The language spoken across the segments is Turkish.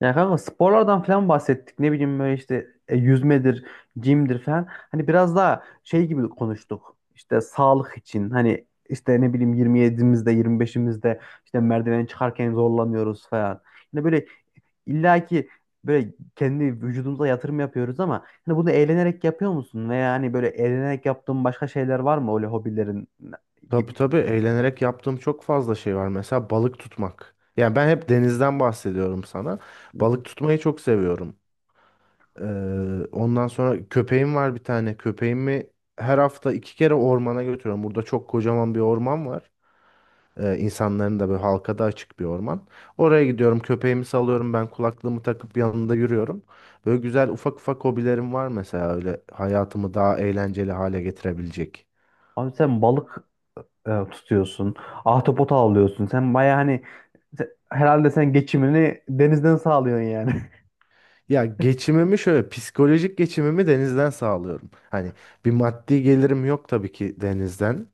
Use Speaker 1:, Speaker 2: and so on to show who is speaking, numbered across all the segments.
Speaker 1: Ya kanka sporlardan falan bahsettik. Ne bileyim böyle işte yüzmedir, jimdir falan. Hani biraz daha şey gibi konuştuk. İşte sağlık için hani işte ne bileyim 27'imizde 25'imizde işte merdiveni çıkarken zorlanıyoruz falan. Hani böyle illaki böyle kendi vücudumuza yatırım yapıyoruz ama hani bunu eğlenerek yapıyor musun? Veya hani böyle eğlenerek yaptığın başka şeyler var mı öyle hobilerin? Gibi.
Speaker 2: Tabii tabii eğlenerek yaptığım çok fazla şey var. Mesela balık tutmak. Yani ben hep denizden bahsediyorum sana. Balık tutmayı çok seviyorum. Ee, Ondan sonra köpeğim var bir tane. Köpeğimi her hafta iki kere ormana götürüyorum. Burada çok kocaman bir orman var. İnsanların da böyle halka da açık bir orman. Oraya gidiyorum köpeğimi salıyorum ben kulaklığımı takıp yanında yürüyorum. Böyle güzel ufak ufak hobilerim var mesela öyle hayatımı daha eğlenceli hale getirebilecek.
Speaker 1: Abi sen balık tutuyorsun. Ahtapot avlıyorsun. Sen baya hani herhalde sen geçimini denizden sağlıyorsun yani.
Speaker 2: Ya geçimimi şöyle psikolojik geçimimi denizden sağlıyorum. Hani bir maddi gelirim yok tabii ki denizden.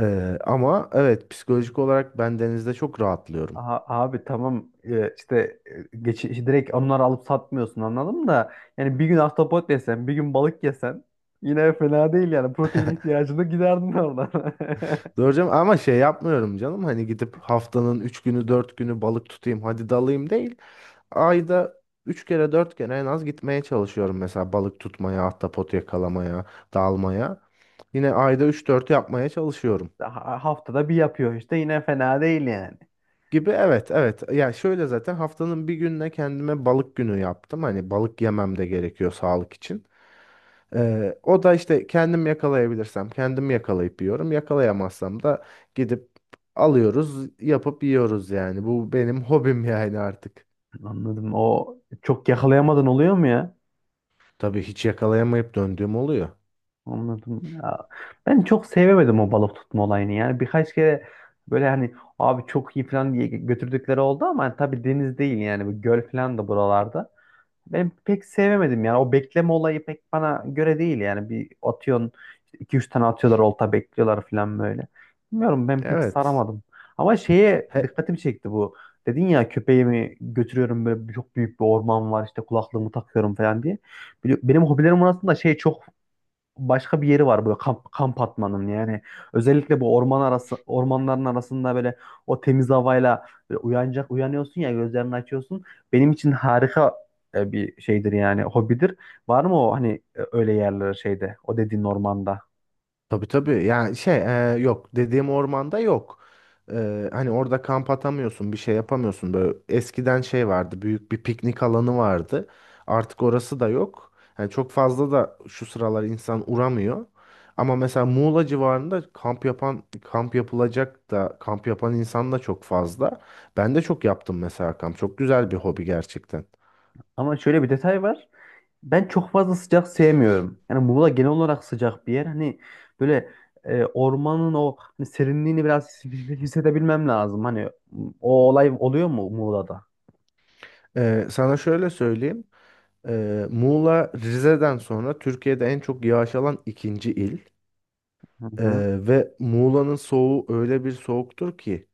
Speaker 2: Ama evet psikolojik olarak ben denizde çok rahatlıyorum.
Speaker 1: Aha, abi tamam. İşte işte direkt onları alıp satmıyorsun anladım da yani bir gün ahtapot yesen bir gün balık yesen yine fena değil yani protein ihtiyacını giderdin oradan.
Speaker 2: Doğru ama şey yapmıyorum canım hani gidip haftanın 3 günü 4 günü balık tutayım hadi dalayım değil. Ayda 3 kere 4 kere en az gitmeye çalışıyorum mesela balık tutmaya, ahtapot yakalamaya, dalmaya. Yine ayda üç dört yapmaya çalışıyorum.
Speaker 1: Haftada bir yapıyor işte yine fena değil yani.
Speaker 2: Gibi, evet evet. Ya şöyle zaten haftanın bir gününe kendime balık günü yaptım. Hani balık yemem de gerekiyor sağlık için. O da işte kendim yakalayabilirsem kendim yakalayıp yiyorum. Yakalayamazsam da gidip alıyoruz, yapıp yiyoruz yani. Bu benim hobim yani artık.
Speaker 1: Anladım, o çok yakalayamadın oluyor mu ya?
Speaker 2: Tabii hiç yakalayamayıp döndüğüm oluyor.
Speaker 1: Anladım ya. Ben çok sevemedim o balık tutma olayını. Yani birkaç kere böyle hani abi çok iyi falan diye götürdükleri oldu ama hani tabii deniz değil yani bu göl falan da buralarda. Ben pek sevemedim yani o bekleme olayı pek bana göre değil yani bir atıyorsun işte iki üç tane atıyorlar olta bekliyorlar falan böyle. Bilmiyorum, ben pek
Speaker 2: Evet.
Speaker 1: saramadım. Ama şeye
Speaker 2: He.
Speaker 1: dikkatimi çekti bu. Dedin ya köpeğimi götürüyorum böyle çok büyük bir orman var işte kulaklığımı takıyorum falan diye. Benim hobilerim arasında şey çok başka bir yeri var böyle kamp, kamp atmanın yani özellikle bu orman arası ormanların arasında böyle o temiz havayla böyle uyanacak uyanıyorsun ya gözlerini açıyorsun benim için harika bir şeydir yani hobidir. Var mı o hani öyle yerler şeyde o dediğin ormanda?
Speaker 2: Tabii tabii. Yok dediğim ormanda yok. E, hani orada kamp atamıyorsun, bir şey yapamıyorsun. Böyle eskiden şey vardı, büyük bir piknik alanı vardı. Artık orası da yok. Yani çok fazla da şu sıralar insan uğramıyor. Ama mesela Muğla civarında kamp yapan, kamp yapılacak da kamp yapan insan da çok fazla. Ben de çok yaptım mesela kamp. Çok güzel bir hobi gerçekten.
Speaker 1: Ama şöyle bir detay var, ben çok fazla sıcak sevmiyorum yani Muğla genel olarak sıcak bir yer hani böyle ormanın o hani serinliğini biraz hissedebilmem lazım. Hani o olay oluyor mu Muğla'da?
Speaker 2: E, sana şöyle söyleyeyim. E, Muğla Rize'den sonra Türkiye'de en çok yağış alan ikinci il.
Speaker 1: Hı hı.
Speaker 2: Ee, Ve Muğla'nın soğuğu öyle bir soğuktur ki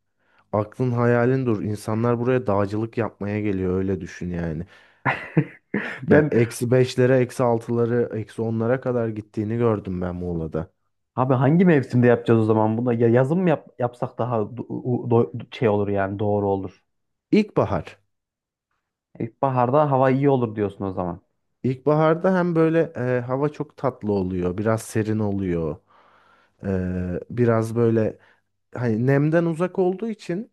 Speaker 2: aklın hayalin dur. İnsanlar buraya dağcılık yapmaya geliyor öyle düşün yani. Yani
Speaker 1: Ben
Speaker 2: eksi beşlere, eksi altıları, eksi onlara kadar gittiğini gördüm ben Muğla'da.
Speaker 1: abi hangi mevsimde yapacağız o zaman bunu? Ya yazın mı yapsak daha şey olur yani doğru olur.
Speaker 2: İlkbahar.
Speaker 1: İlkbaharda hava iyi olur diyorsun o zaman.
Speaker 2: İlkbaharda hem böyle hava çok tatlı oluyor, biraz serin oluyor. Biraz böyle hani nemden uzak olduğu için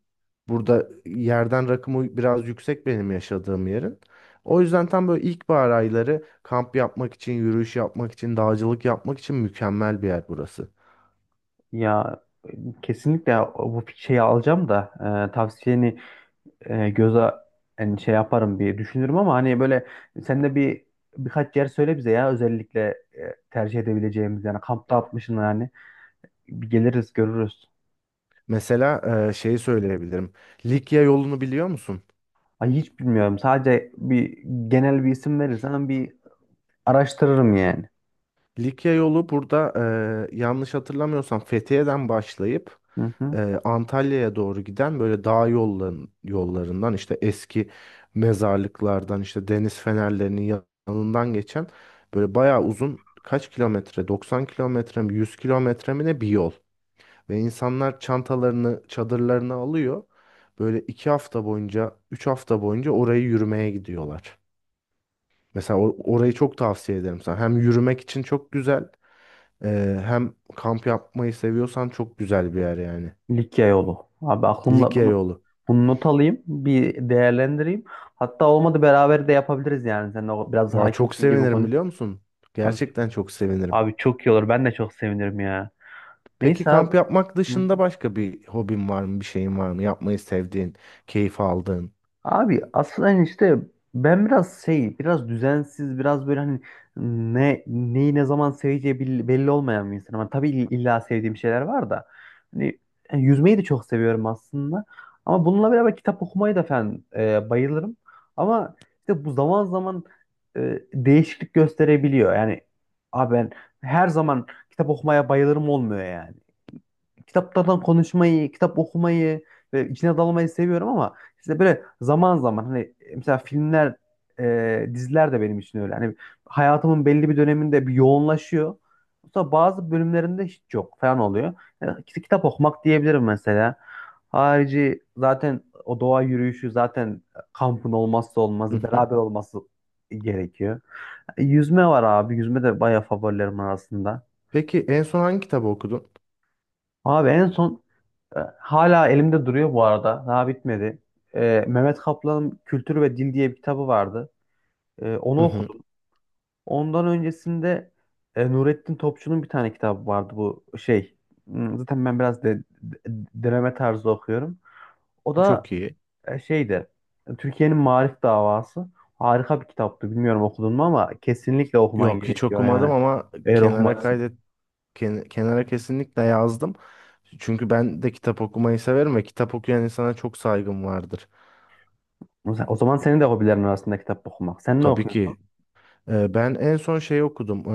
Speaker 2: burada yerden rakımı biraz yüksek benim yaşadığım yerin. O yüzden tam böyle ilkbahar ayları kamp yapmak için, yürüyüş yapmak için, dağcılık yapmak için mükemmel bir yer burası.
Speaker 1: Ya e, kesinlikle bu şeyi alacağım da tavsiyeni göze, yani şey yaparım bir düşünürüm ama hani böyle sen de bir birkaç yer söyle bize ya özellikle tercih edebileceğimiz, yani kampta atmışsın yani bir geliriz görürüz.
Speaker 2: Mesela şeyi söyleyebilirim. Likya yolunu biliyor musun?
Speaker 1: Ay hiç bilmiyorum. Sadece bir genel bir isim verirsen bir araştırırım yani.
Speaker 2: Likya yolu burada yanlış hatırlamıyorsam Fethiye'den başlayıp
Speaker 1: Hı hı.
Speaker 2: e, Antalya'ya doğru giden böyle dağ yollarından işte eski mezarlıklardan işte deniz fenerlerinin yanından geçen böyle bayağı uzun kaç kilometre 90 kilometre mi 100 kilometre mi ne bir yol. Ve insanlar çantalarını çadırlarını alıyor. Böyle iki hafta boyunca, üç hafta boyunca orayı yürümeye gidiyorlar. Mesela orayı çok tavsiye ederim sana. Hem yürümek için çok güzel, hem kamp yapmayı seviyorsan çok güzel bir yer yani.
Speaker 1: Likya yolu. Abi aklımda
Speaker 2: Likya
Speaker 1: bunu,
Speaker 2: yolu.
Speaker 1: bunu not alayım. Bir değerlendireyim. Hatta olmadı beraber de yapabiliriz yani. Sen de biraz
Speaker 2: Valla çok
Speaker 1: hakimsin gibi
Speaker 2: sevinirim
Speaker 1: konu.
Speaker 2: biliyor musun?
Speaker 1: Abi,
Speaker 2: Gerçekten çok sevinirim.
Speaker 1: abi çok iyi olur. Ben de çok sevinirim ya.
Speaker 2: Peki
Speaker 1: Neyse abi.
Speaker 2: kamp yapmak
Speaker 1: Hı.
Speaker 2: dışında başka bir hobin var mı? Bir şeyin var mı? Yapmayı sevdiğin, keyif aldığın.
Speaker 1: Abi aslında hani işte ben biraz şey, biraz düzensiz, biraz böyle hani ne neyi ne zaman seveceği belli, belli olmayan bir insanım. Ama tabii illa sevdiğim şeyler var da. Hani yani yüzmeyi de çok seviyorum aslında. Ama bununla beraber kitap okumayı da falan bayılırım. Ama işte bu zaman zaman değişiklik gösterebiliyor. Yani abi ben her zaman kitap okumaya bayılırım olmuyor yani kitaplardan konuşmayı, kitap okumayı ve içine dalmayı seviyorum ama işte böyle zaman zaman hani mesela filmler, diziler de benim için öyle. Hani hayatımın belli bir döneminde bir yoğunlaşıyor. Sonra bazı bölümlerinde hiç yok falan oluyor. Yani kitap okumak diyebilirim mesela. Harici zaten o doğa yürüyüşü zaten kampın olmazsa
Speaker 2: Hı
Speaker 1: olmazı,
Speaker 2: hı.
Speaker 1: beraber olması gerekiyor. Yüzme var abi. Yüzme de bayağı favorilerim arasında.
Speaker 2: Peki en son hangi kitabı okudun?
Speaker 1: Abi en son, Hala elimde duruyor bu arada. Daha bitmedi. Mehmet Kaplan'ın Kültür ve Dil diye bir kitabı vardı.
Speaker 2: Hı
Speaker 1: Onu
Speaker 2: hı.
Speaker 1: okudum. Ondan öncesinde Nurettin Topçu'nun bir tane kitabı vardı bu şey. Zaten ben biraz deneme tarzı okuyorum. O da
Speaker 2: Çok iyi.
Speaker 1: şeydi. Türkiye'nin Maarif Davası. Harika bir kitaptı. Bilmiyorum okudun mu ama kesinlikle okuman
Speaker 2: Yok hiç
Speaker 1: gerekiyor
Speaker 2: okumadım
Speaker 1: yani.
Speaker 2: ama
Speaker 1: Eğer
Speaker 2: kenara
Speaker 1: okumadıysan.
Speaker 2: kaydet kenara kesinlikle yazdım. Çünkü ben de kitap okumayı severim ve kitap okuyan insana çok saygım vardır.
Speaker 1: O zaman senin de hobilerin arasında kitap okumak. Sen ne
Speaker 2: Tabii
Speaker 1: okuyorsun?
Speaker 2: ki. Ben en son şey okudum.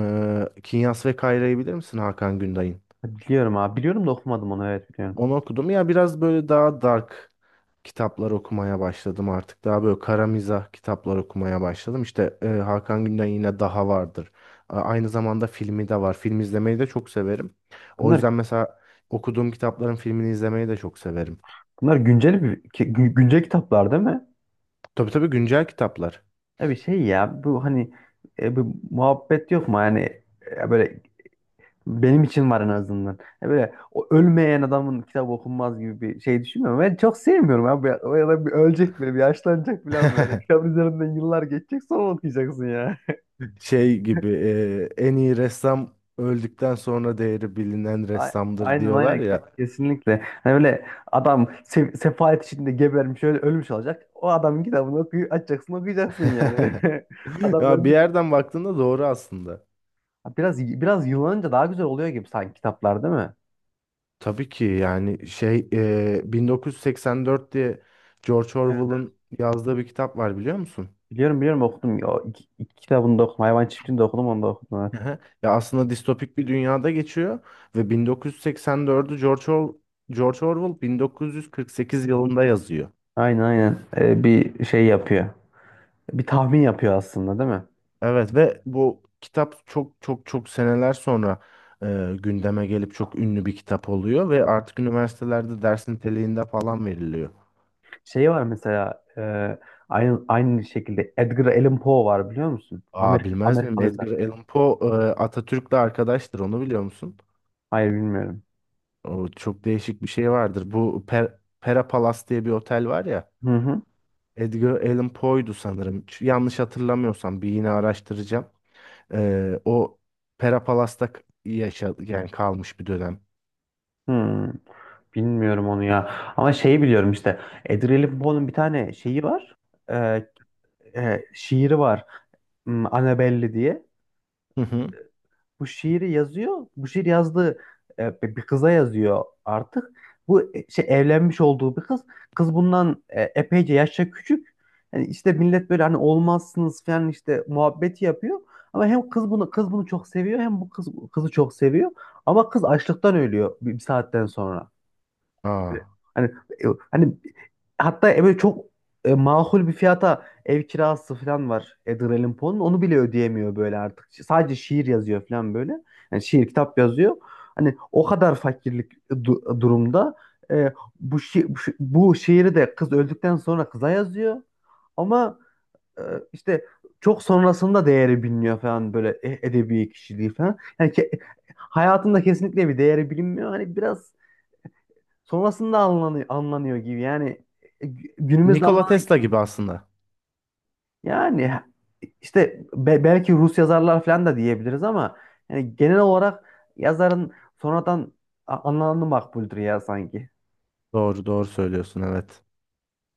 Speaker 2: Kinyas ve Kayra'yı bilir misin Hakan Günday'ın?
Speaker 1: Biliyorum abi. Biliyorum da okumadım onu. Evet biliyorum.
Speaker 2: Onu okudum. Ya biraz böyle daha dark kitaplar okumaya başladım artık. Daha böyle kara mizah kitaplar okumaya başladım. İşte Hakan Günday'ın yine Daha vardır. Aynı zamanda filmi de var. Film izlemeyi de çok severim. O
Speaker 1: Bunlar
Speaker 2: yüzden mesela okuduğum kitapların filmini izlemeyi de çok severim.
Speaker 1: Bunlar güncel bir güncel kitaplar değil mi?
Speaker 2: Tabii tabii güncel kitaplar.
Speaker 1: Ya bir şey ya bu hani bu muhabbet yok mu? Yani böyle benim için var en azından. Ya böyle o ölmeyen adamın kitabı okunmaz gibi bir şey düşünmüyorum. Ben çok sevmiyorum abi. Ya, o adam bir ölecek böyle, bir yaşlanacak falan böyle. Kitabın üzerinden yıllar geçecek sonra okuyacaksın ya.
Speaker 2: Şey gibi en iyi ressam öldükten sonra değeri bilinen
Speaker 1: A-
Speaker 2: ressamdır
Speaker 1: Aynen
Speaker 2: diyorlar
Speaker 1: aynen.
Speaker 2: ya.
Speaker 1: Kesinlikle. Hani böyle adam sefalet içinde gebermiş öyle ölmüş olacak. O adamın kitabını okuy açacaksın okuyacaksın yani. Adam
Speaker 2: Ya bir
Speaker 1: ölmüş.
Speaker 2: yerden baktığında doğru aslında.
Speaker 1: Ha, biraz biraz yıllanınca daha güzel oluyor gibi sanki kitaplar değil mi?
Speaker 2: Tabii ki yani şey 1984 diye George
Speaker 1: Evet.
Speaker 2: Orwell'ın yazdığı bir kitap var biliyor musun?
Speaker 1: Biliyorum biliyorum okudum. O iki, iki kitabını da okudum. Hayvan Çiftliği'ni de okudum, onu da okudum. Evet.
Speaker 2: Ehe. Ya aslında distopik bir dünyada geçiyor ve George Orwell 1948 yılında yazıyor.
Speaker 1: Aynen aynen. Bir şey yapıyor. Bir tahmin yapıyor aslında değil mi?
Speaker 2: Evet ve bu kitap çok çok çok seneler sonra e, gündeme gelip çok ünlü bir kitap oluyor ve artık üniversitelerde ders niteliğinde falan veriliyor.
Speaker 1: Şey var mesela aynı aynı şekilde Edgar Allan Poe var biliyor musun?
Speaker 2: Aa
Speaker 1: Amerika
Speaker 2: bilmez miyim?
Speaker 1: Amerikalı yazar.
Speaker 2: Edgar Allan Poe Atatürk'le arkadaştır. Onu biliyor musun?
Speaker 1: Hayır bilmiyorum.
Speaker 2: O çok değişik bir şey vardır. Bu Pera Palace diye bir otel var ya.
Speaker 1: Hı hı.
Speaker 2: Edgar Allan Poe'ydu sanırım. Yanlış hatırlamıyorsam bir yine araştıracağım. E, o Pera Palace'da yaşa yani kalmış bir dönem.
Speaker 1: Hı. Bilmiyorum onu ya. Ama şeyi biliyorum işte. Edgar Allan Poe'nun bir tane şeyi var. Ee, şiiri var. Annabelle diye.
Speaker 2: Hı hı.
Speaker 1: Bu şiiri yazıyor. Bu şiir yazdığı bir bir kıza yazıyor artık. Bu şey evlenmiş olduğu bir kız. Kız bundan epeyce yaşça küçük. Yani işte millet böyle hani olmazsınız falan işte muhabbeti yapıyor. Ama hem kız bunu kız bunu çok seviyor hem bu kız kızı çok seviyor. Ama kız açlıktan ölüyor bir, bir saatten sonra. Böyle
Speaker 2: Aa.
Speaker 1: hani hani hatta böyle çok makul bir fiyata ev kirası falan var Edgar Allan Poe'nun. Onu bile ödeyemiyor böyle artık. Sadece şiir yazıyor falan böyle. Yani şiir kitap yazıyor. Hani o kadar fakirlik durumda, e, bu şiiri de kız öldükten sonra kıza yazıyor. Ama e, işte çok sonrasında değeri biliniyor falan böyle edebi kişiliği falan. Yani hayatında kesinlikle bir değeri bilinmiyor. Hani biraz sonrasında anlanıyor, anlanıyor gibi. Yani günümüzde
Speaker 2: Nikola
Speaker 1: anlan,
Speaker 2: Tesla gibi aslında.
Speaker 1: yani işte belki Rus yazarlar falan da diyebiliriz ama yani genel olarak yazarın sonradan anlamı makbuldür ya sanki.
Speaker 2: Doğru doğru söylüyorsun, evet.